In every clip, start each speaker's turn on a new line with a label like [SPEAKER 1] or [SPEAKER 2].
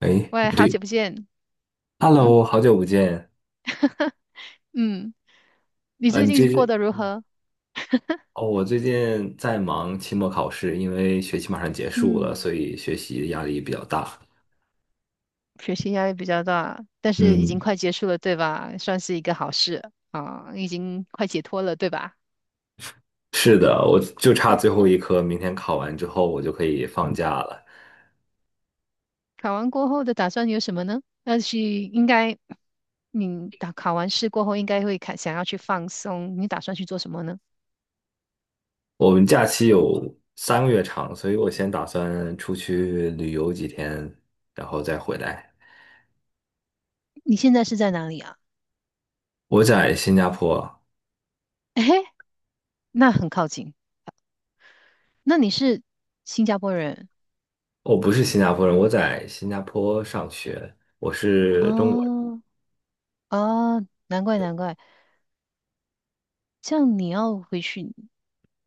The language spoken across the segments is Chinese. [SPEAKER 1] 哎，
[SPEAKER 2] 喂，
[SPEAKER 1] 不
[SPEAKER 2] 好
[SPEAKER 1] 对
[SPEAKER 2] 久不见。嗯
[SPEAKER 1] ，Hello，好久不见。
[SPEAKER 2] 嗯，你
[SPEAKER 1] 啊！
[SPEAKER 2] 最
[SPEAKER 1] 你
[SPEAKER 2] 近
[SPEAKER 1] 这
[SPEAKER 2] 过
[SPEAKER 1] 是？
[SPEAKER 2] 得如何？
[SPEAKER 1] 哦，我最近在忙期末考试，因为学期马上结束了，
[SPEAKER 2] 嗯，
[SPEAKER 1] 所以学习压力比较大。
[SPEAKER 2] 学习压力比较大，但是已经
[SPEAKER 1] 嗯，
[SPEAKER 2] 快结束了，对吧？算是一个好事啊，已经快解脱了，对吧？
[SPEAKER 1] 是的，我就差最后一科，明天考完之后我就可以放假了。
[SPEAKER 2] 考完过后的打算有什么呢？要去，应该你打考完试过后，应该会看想要去放松，你打算去做什么呢？
[SPEAKER 1] 我们假期有三个月长，所以我先打算出去旅游几天，然后再回来。
[SPEAKER 2] 你现在是在哪里啊？
[SPEAKER 1] 我在新加坡。
[SPEAKER 2] 诶，那很靠近。那你是新加坡人
[SPEAKER 1] 我不是新加坡人，我在新加坡上学，我是中国。
[SPEAKER 2] 哦。哦，难怪难怪。这样你要回去，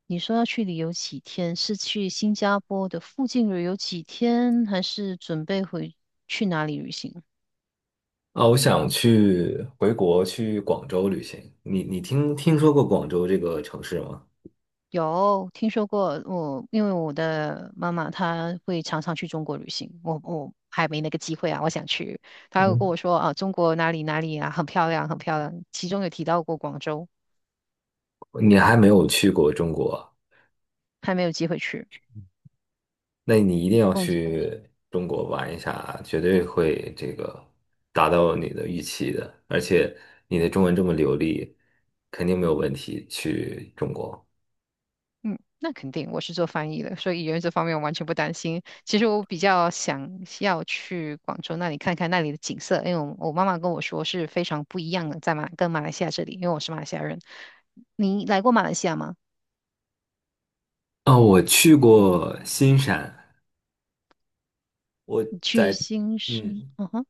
[SPEAKER 2] 你说要去旅游几天？是去新加坡的附近旅游几天，还是准备回去哪里旅行？
[SPEAKER 1] 啊，我想去回国去广州旅行。你听说过广州这个城市吗？
[SPEAKER 2] 有听说过我，因为我的妈妈她会常常去中国旅行，我还没那个机会啊，我想去。她有跟
[SPEAKER 1] 嗯，
[SPEAKER 2] 我说啊，中国哪里哪里啊，很漂亮，很漂亮，其中有提到过广州，
[SPEAKER 1] 你还没有去过中国，
[SPEAKER 2] 还没有机会去。
[SPEAKER 1] 那你一定要去中国玩一下，绝对会这个达到你的预期的。而且你的中文这么流利，肯定没有问题去中国。
[SPEAKER 2] 嗯，那肯定，我是做翻译的，所以语言这方面我完全不担心。其实我比较想要去广州那里看看那里的景色，因为我妈妈跟我说是非常不一样的，在马跟马来西亚这里，因为我是马来西亚人。你来过马来西亚吗？
[SPEAKER 1] 啊，我去过新山。
[SPEAKER 2] 你去新生，
[SPEAKER 1] 嗯。
[SPEAKER 2] 嗯哼，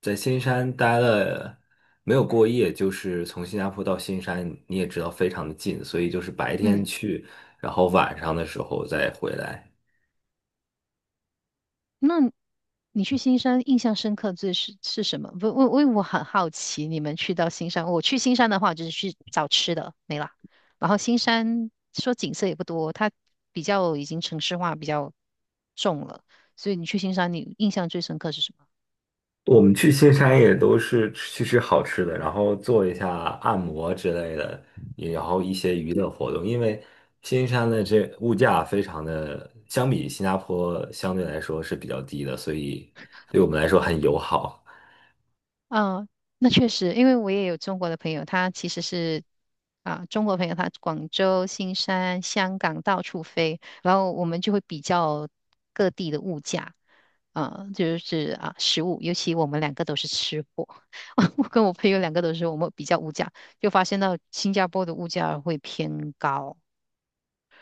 [SPEAKER 1] 在新山待了没有过夜，就是从新加坡到新山，你也知道非常的近，所以就是白天
[SPEAKER 2] 嗯。
[SPEAKER 1] 去，然后晚上的时候再回来。
[SPEAKER 2] 那你去新山印象深刻最是什么？不，我很好奇，你们去到新山，我去新山的话就是去找吃的，没了。然后新山说景色也不多，它比较已经城市化比较重了，所以你去新山，你印象最深刻是什么？
[SPEAKER 1] 我们去新山也都是去吃好吃的，然后做一下按摩之类的，也然后一些娱乐活动。因为新山的这物价非常的，相比新加坡相对来说是比较低的，所以对我们来说很友好。
[SPEAKER 2] 啊，那确实，因为我也有中国的朋友，他其实是啊，中国朋友他广州、新山、香港到处飞，然后我们就会比较各地的物价啊，就是啊食物，尤其我们两个都是吃货，我跟我朋友两个都是我们比较物价，就发现到新加坡的物价会偏高，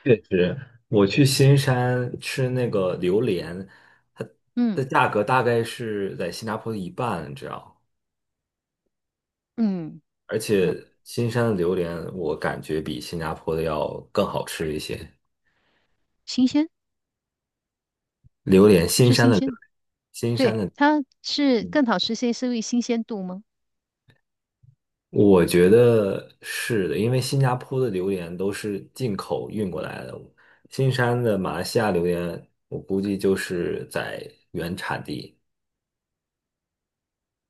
[SPEAKER 1] 确实，我去新山吃那个榴莲，它
[SPEAKER 2] 嗯
[SPEAKER 1] 的价格大概是在新加坡的一半你知道？
[SPEAKER 2] 嗯
[SPEAKER 1] 而
[SPEAKER 2] 嗯，
[SPEAKER 1] 且新山的榴莲我感觉比新加坡的要更好吃一些。
[SPEAKER 2] 新鲜
[SPEAKER 1] 榴莲，
[SPEAKER 2] 是新鲜，
[SPEAKER 1] 新
[SPEAKER 2] 对，
[SPEAKER 1] 山的。
[SPEAKER 2] 它是
[SPEAKER 1] 嗯，
[SPEAKER 2] 更好吃些，是因为新鲜度吗？
[SPEAKER 1] 我觉得是的，因为新加坡的榴莲都是进口运过来的，新山的马来西亚榴莲，我估计就是在原产地。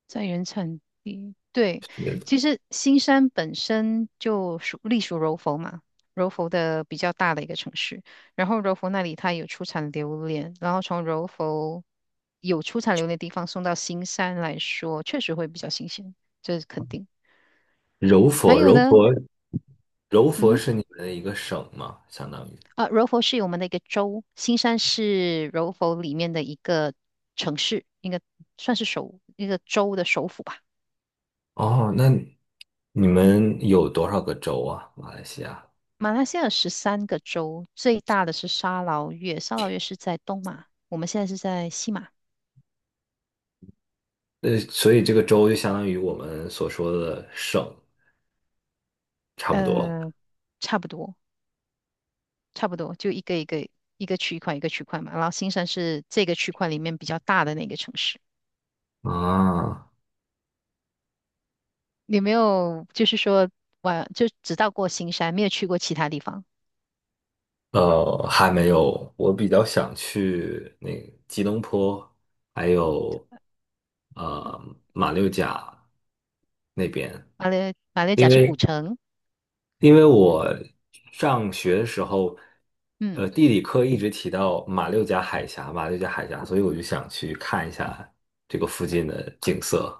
[SPEAKER 2] 在原产地，对，
[SPEAKER 1] 是的。
[SPEAKER 2] 其实新山本身就属隶属柔佛嘛，柔佛的比较大的一个城市。然后柔佛那里它有出产榴莲，然后从柔佛有出产榴莲的地方送到新山来说，确实会比较新鲜，这是肯定。
[SPEAKER 1] 柔
[SPEAKER 2] 还
[SPEAKER 1] 佛，
[SPEAKER 2] 有
[SPEAKER 1] 柔
[SPEAKER 2] 呢，
[SPEAKER 1] 佛柔
[SPEAKER 2] 嗯
[SPEAKER 1] 佛
[SPEAKER 2] 哼，
[SPEAKER 1] 是你们的一个省吗？相当于。
[SPEAKER 2] 啊，柔佛是我们的一个州，新山是柔佛里面的一个城市，应该算是首一个州的首府吧。
[SPEAKER 1] 哦，那你们有多少个州啊？马来西亚？
[SPEAKER 2] 马来西亚有13个州，最大的是沙劳越，沙劳越是在东马，我们现在是在西马，
[SPEAKER 1] 所以这个州就相当于我们所说的省，差不多。
[SPEAKER 2] 呃，差不多，差不多，就一个一个一个区块一个区块嘛。然后新山是这个区块里面比较大的那个城市。
[SPEAKER 1] 啊，
[SPEAKER 2] 你没有就是说玩，就只到过新山，没有去过其他地方。
[SPEAKER 1] 还没有，我比较想去那个吉隆坡，还有
[SPEAKER 2] 嗯
[SPEAKER 1] 马六甲那边，
[SPEAKER 2] 马六甲
[SPEAKER 1] 因
[SPEAKER 2] 是古
[SPEAKER 1] 为
[SPEAKER 2] 城，
[SPEAKER 1] 因为我上学的时候，
[SPEAKER 2] 嗯，
[SPEAKER 1] 地理课一直提到马六甲海峡，马六甲海峡，所以我就想去看一下这个附近的景色。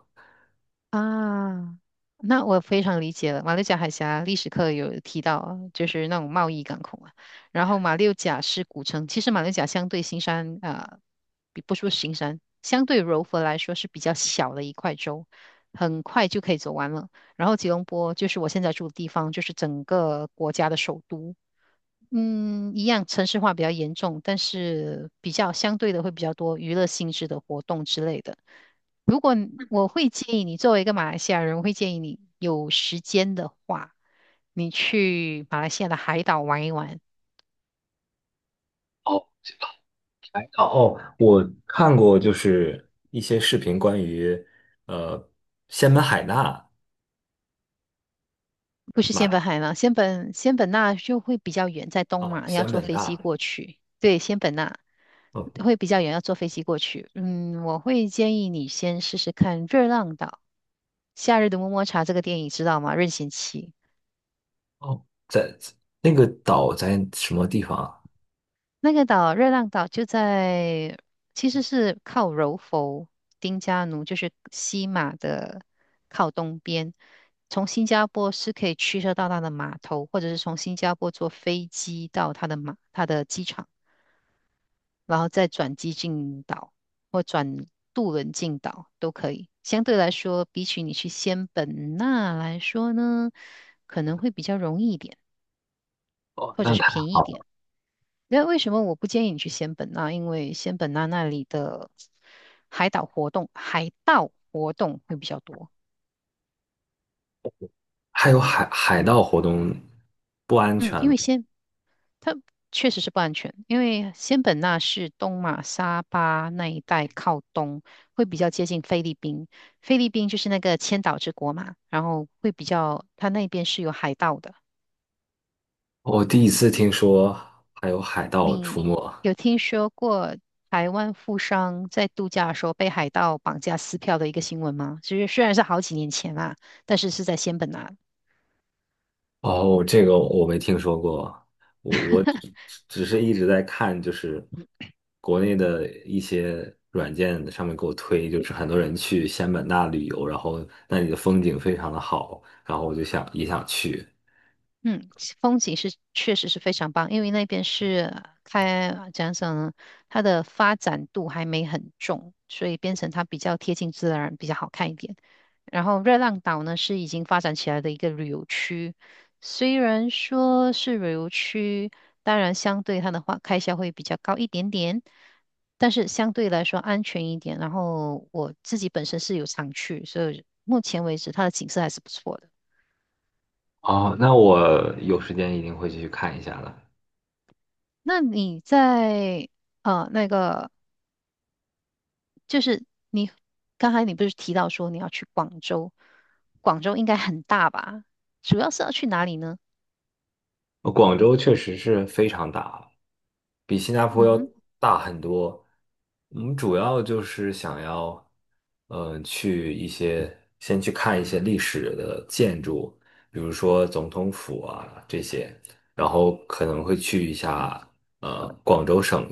[SPEAKER 2] 啊，那我非常理解了。马六甲海峡历史课有提到啊就是那种贸易港口啊。然后马六甲是古城，其实马六甲相对新山啊，比不说新山，相对柔佛来说是比较小的一块州，很快就可以走完了。然后吉隆坡就是我现在住的地方，就是整个国家的首都。嗯，一样城市化比较严重，但是比较相对的会比较多娱乐性质的活动之类的。如果你我会建议你，作为一个马来西亚人，我会建议你有时间的话，你去马来西亚的海岛玩一玩，
[SPEAKER 1] 哦，这个海岛。哦，我看过就是一些视频关于呃仙本海纳
[SPEAKER 2] 不是仙本
[SPEAKER 1] 马。
[SPEAKER 2] 海吗？仙本那就会比较远，在东
[SPEAKER 1] 哦，
[SPEAKER 2] 马，你要
[SPEAKER 1] 仙
[SPEAKER 2] 坐
[SPEAKER 1] 本
[SPEAKER 2] 飞
[SPEAKER 1] 那。
[SPEAKER 2] 机过去。对，仙本那
[SPEAKER 1] 哦
[SPEAKER 2] 会比较远，要坐飞机过去。嗯，我会建议你先试试看《热浪岛》《夏日的么么茶》这个电影，知道吗？任贤齐。
[SPEAKER 1] 哦在那个岛在什么地方啊？
[SPEAKER 2] 那个岛热浪岛就在，其实是靠柔佛、丁加奴，就是西马的靠东边。从新加坡是可以驱车到它的码头，或者是从新加坡坐飞机到它的机场，然后再转机进岛或转渡轮进岛都可以。相对来说，比起你去仙本那来说呢，可能会比较容易一点，
[SPEAKER 1] 哦，
[SPEAKER 2] 或者
[SPEAKER 1] 那
[SPEAKER 2] 是
[SPEAKER 1] 太
[SPEAKER 2] 便宜
[SPEAKER 1] 好
[SPEAKER 2] 一点。
[SPEAKER 1] 了。
[SPEAKER 2] 那为什么我不建议你去仙本那？因为仙本那那里的海岛活动，海盗活动会比较多。
[SPEAKER 1] 还有海盗活动，不？
[SPEAKER 2] 嗯，因为仙它确实是不安全，因为仙本那是东马沙巴那一带靠东，会比较接近菲律宾。菲律宾就是那个千岛之国嘛，然后会比较，它那边是有海盗的。
[SPEAKER 1] 我第一次听说还有海盗出
[SPEAKER 2] 你
[SPEAKER 1] 没。
[SPEAKER 2] 有听说过台湾富商在度假的时候被海盗绑架撕票的一个新闻吗？就是虽然是好几年前啦，但是是在仙本那。
[SPEAKER 1] 哦，这个我没听说过。我只 只是一直在看，就是国内的一些软件上面给我推，就是很多人去仙本那旅游，然后那里的风景非常的好，然后我就想也想去。
[SPEAKER 2] 嗯，其风景是确实是非常棒，因为那边是开讲讲呢，它的发展度还没很重，所以变成它比较贴近自然，比较好看一点。然后热浪岛呢是已经发展起来的一个旅游区，虽然说是旅游区，当然相对它的话开销会比较高一点点，但是相对来说安全一点。然后我自己本身是有常去，所以目前为止它的景色还是不错的。
[SPEAKER 1] 哦，那我有时间一定会去看一下的。
[SPEAKER 2] 那你在那个，就是你刚才你不是提到说你要去广州，广州应该很大吧？主要是要去哪里呢？
[SPEAKER 1] 广州确实是非常大了，比新加坡
[SPEAKER 2] 嗯
[SPEAKER 1] 要
[SPEAKER 2] 哼，
[SPEAKER 1] 大很多。我们主要就是想要，去一些先去看一些历史的建筑，比如说总统府啊这些，然后可能会去一下广州省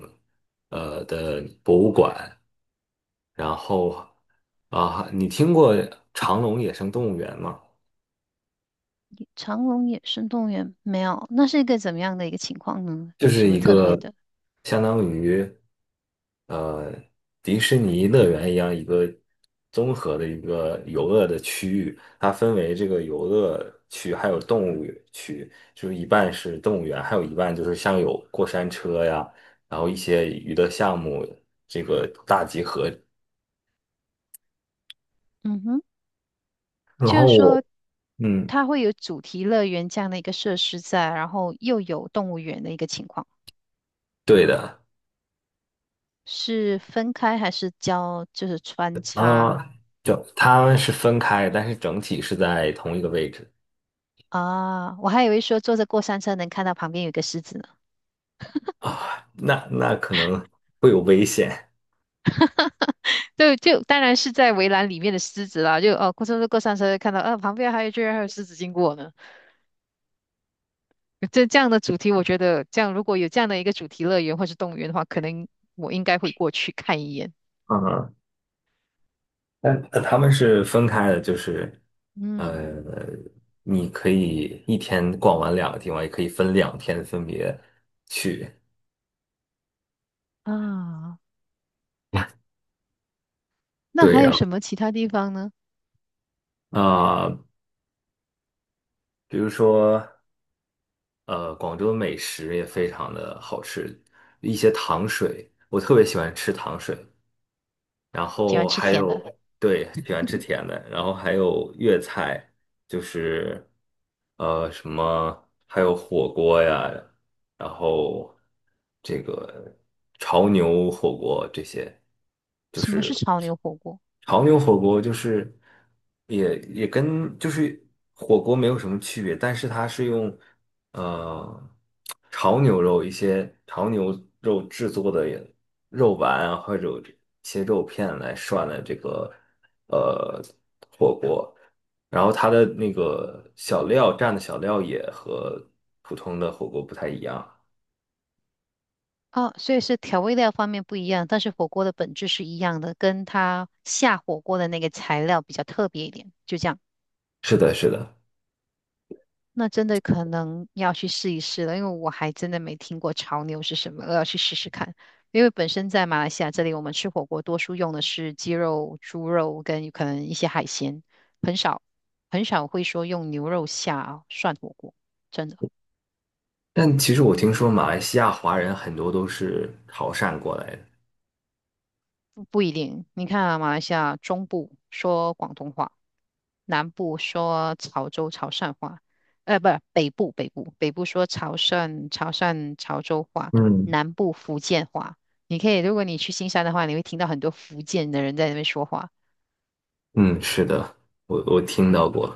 [SPEAKER 1] 的博物馆，然后啊，你听过长隆野生动物园吗？
[SPEAKER 2] 长隆野生动物园没有，那是一个怎么样的一个情况呢？
[SPEAKER 1] 就是
[SPEAKER 2] 什么
[SPEAKER 1] 一
[SPEAKER 2] 特别
[SPEAKER 1] 个
[SPEAKER 2] 的？
[SPEAKER 1] 相当于呃迪士尼乐园一样一个综合的一个游乐的区域，它分为这个游乐区还有动物区，就是一半是动物园，还有一半就是像有过山车呀，然后一些娱乐项目这个大集合。
[SPEAKER 2] 嗯哼，
[SPEAKER 1] 然
[SPEAKER 2] 就
[SPEAKER 1] 后
[SPEAKER 2] 是说
[SPEAKER 1] 我嗯。
[SPEAKER 2] 它会有主题乐园这样的一个设施在，然后又有动物园的一个情况，
[SPEAKER 1] 对的。
[SPEAKER 2] 是分开还是就是穿
[SPEAKER 1] 啊，
[SPEAKER 2] 插
[SPEAKER 1] 就他们是分开，但是整体是在同一个位置。
[SPEAKER 2] 啊？我还以为说坐着过山车能看到旁边有一个狮子呢。
[SPEAKER 1] 啊，那可能会有危险。
[SPEAKER 2] 就当然是在围栏里面的狮子啦，就哦，过山车看到，啊，旁边还有居然还有狮子经过呢。这样的主题，我觉得这样如果有这样的一个主题乐园或是动物园的话，可能我应该会过去看一眼。
[SPEAKER 1] 嗯，那他们是分开的，就是
[SPEAKER 2] 嗯
[SPEAKER 1] 呃，你可以一天逛完两个地方，也可以分两天分别去。
[SPEAKER 2] 啊，那
[SPEAKER 1] 对
[SPEAKER 2] 还
[SPEAKER 1] 呀，
[SPEAKER 2] 有什么其他地方呢？
[SPEAKER 1] 啊，比如说广州的美食也非常的好吃，一些糖水，我特别喜欢吃糖水，然
[SPEAKER 2] 喜欢
[SPEAKER 1] 后
[SPEAKER 2] 吃
[SPEAKER 1] 还
[SPEAKER 2] 甜
[SPEAKER 1] 有
[SPEAKER 2] 的，
[SPEAKER 1] 对喜欢吃甜的，然后还有粤菜，就是。什么还有火锅呀，然后这个潮牛火锅这些，就
[SPEAKER 2] 什么
[SPEAKER 1] 是
[SPEAKER 2] 是潮牛火锅？
[SPEAKER 1] 潮牛火锅就是也跟就是火锅没有什么区别，但是它是用呃潮牛肉一些潮牛肉制作的肉丸啊或者切肉片来涮的这个。呃。然后它的那个小料蘸的小料也和普通的火锅不太一样。
[SPEAKER 2] 哦，所以是调味料方面不一样，但是火锅的本质是一样的，跟它下火锅的那个材料比较特别一点，就这样。
[SPEAKER 1] 是的，是的。
[SPEAKER 2] 那真的可能要去试一试了，因为我还真的没听过潮牛是什么，我要去试试看。因为本身在马来西亚这里，我们吃火锅多数用的是鸡肉、猪肉跟可能一些海鲜，很少很少会说用牛肉下涮火锅，真的
[SPEAKER 1] 但其实我听说马来西亚华人很多都是潮汕过来的。
[SPEAKER 2] 不一定。你看啊，马来西亚中部说广东话。南部说潮州潮汕话，呃，不，是北部说潮州话，
[SPEAKER 1] 嗯，
[SPEAKER 2] 南部福建话。你可以，如果你去新山的话，你会听到很多福建的人在那边说话。
[SPEAKER 1] 嗯，是的，我听
[SPEAKER 2] 嗯。
[SPEAKER 1] 到过。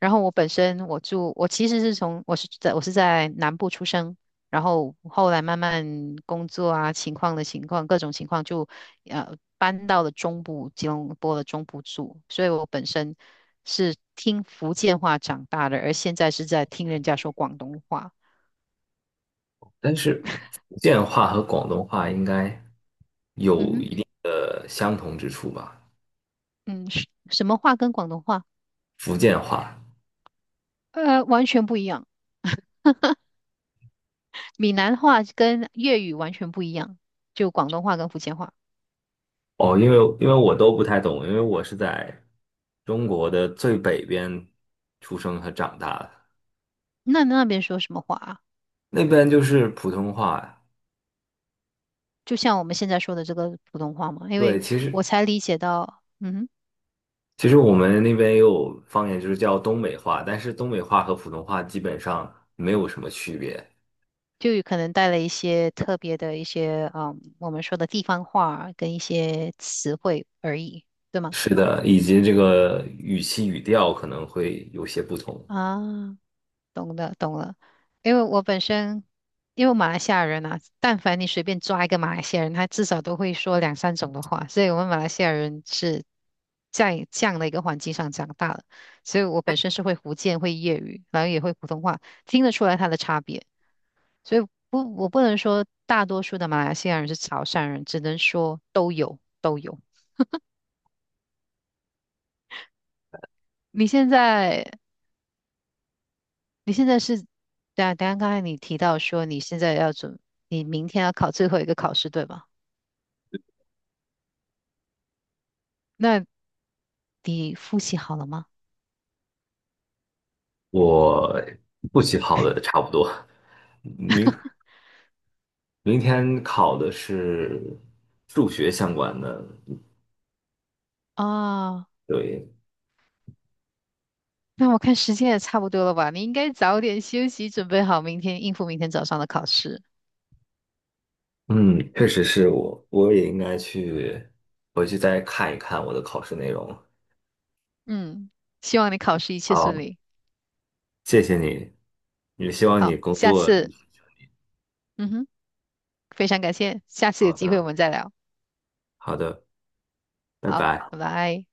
[SPEAKER 2] 然后我本身我住，我其实是从我是在南部出生，然后后来慢慢工作啊情况各种情况就搬到了中部吉隆坡的中部住，所以我本身是听福建话长大的，而现在是在听人家说广东话。
[SPEAKER 1] 但是福建话和广东话应该
[SPEAKER 2] 嗯
[SPEAKER 1] 有
[SPEAKER 2] 哼，
[SPEAKER 1] 一定的相同之处吧？
[SPEAKER 2] 嗯，是什么话跟广东话？
[SPEAKER 1] 福建话。
[SPEAKER 2] 呃，完全不一样。闽南话跟粤语完全不一样，就广东话跟福建话。
[SPEAKER 1] 哦，因为我都不太懂，因为我是在中国的最北边出生和长大的。
[SPEAKER 2] 那那边说什么话啊？
[SPEAKER 1] 那边就是普通话。
[SPEAKER 2] 就像我们现在说的这个普通话嘛，因
[SPEAKER 1] 对，
[SPEAKER 2] 为
[SPEAKER 1] 其实
[SPEAKER 2] 我才理解到，嗯哼
[SPEAKER 1] 其实我们那边也有方言，就是叫东北话，但是东北话和普通话基本上没有什么区别。
[SPEAKER 2] 就有可能带了一些特别的一些，嗯，我们说的地方话跟一些词汇而已，对吗？
[SPEAKER 1] 是的，以及这个语气语调可能会有些不同。
[SPEAKER 2] 啊，懂了，懂了。因为我本身，因为马来西亚人啊，但凡你随便抓一个马来西亚人，他至少都会说2、3种的话，所以我们马来西亚人是在这样的一个环境上长大的，所以我本身是会福建、会粤语，然后也会普通话，听得出来它的差别。所以不，我不能说大多数的马来西亚人是潮汕人，只能说都有都有。你现在你现在是，等啊，等下刚才你提到说你现在要准，你明天要考最后一个考试，对吧？那你复习好了吗？
[SPEAKER 1] 我复习好的差不多，明明天考的是数学相关的。
[SPEAKER 2] 啊，
[SPEAKER 1] 对，
[SPEAKER 2] 那我看时间也差不多了吧，你应该早点休息，准备好明天应付明天早上的考试。
[SPEAKER 1] 嗯，确实是我，也应该去回去再看一看我的考试内容。
[SPEAKER 2] 嗯，希望你考试一切
[SPEAKER 1] 好，
[SPEAKER 2] 顺利。
[SPEAKER 1] 谢谢你，也希望你
[SPEAKER 2] 好，
[SPEAKER 1] 工
[SPEAKER 2] 下
[SPEAKER 1] 作。
[SPEAKER 2] 次，嗯哼，非常感谢，下次有
[SPEAKER 1] 好
[SPEAKER 2] 机会我
[SPEAKER 1] 的，
[SPEAKER 2] 们再聊。
[SPEAKER 1] 好的，拜
[SPEAKER 2] 好，
[SPEAKER 1] 拜。
[SPEAKER 2] 拜拜。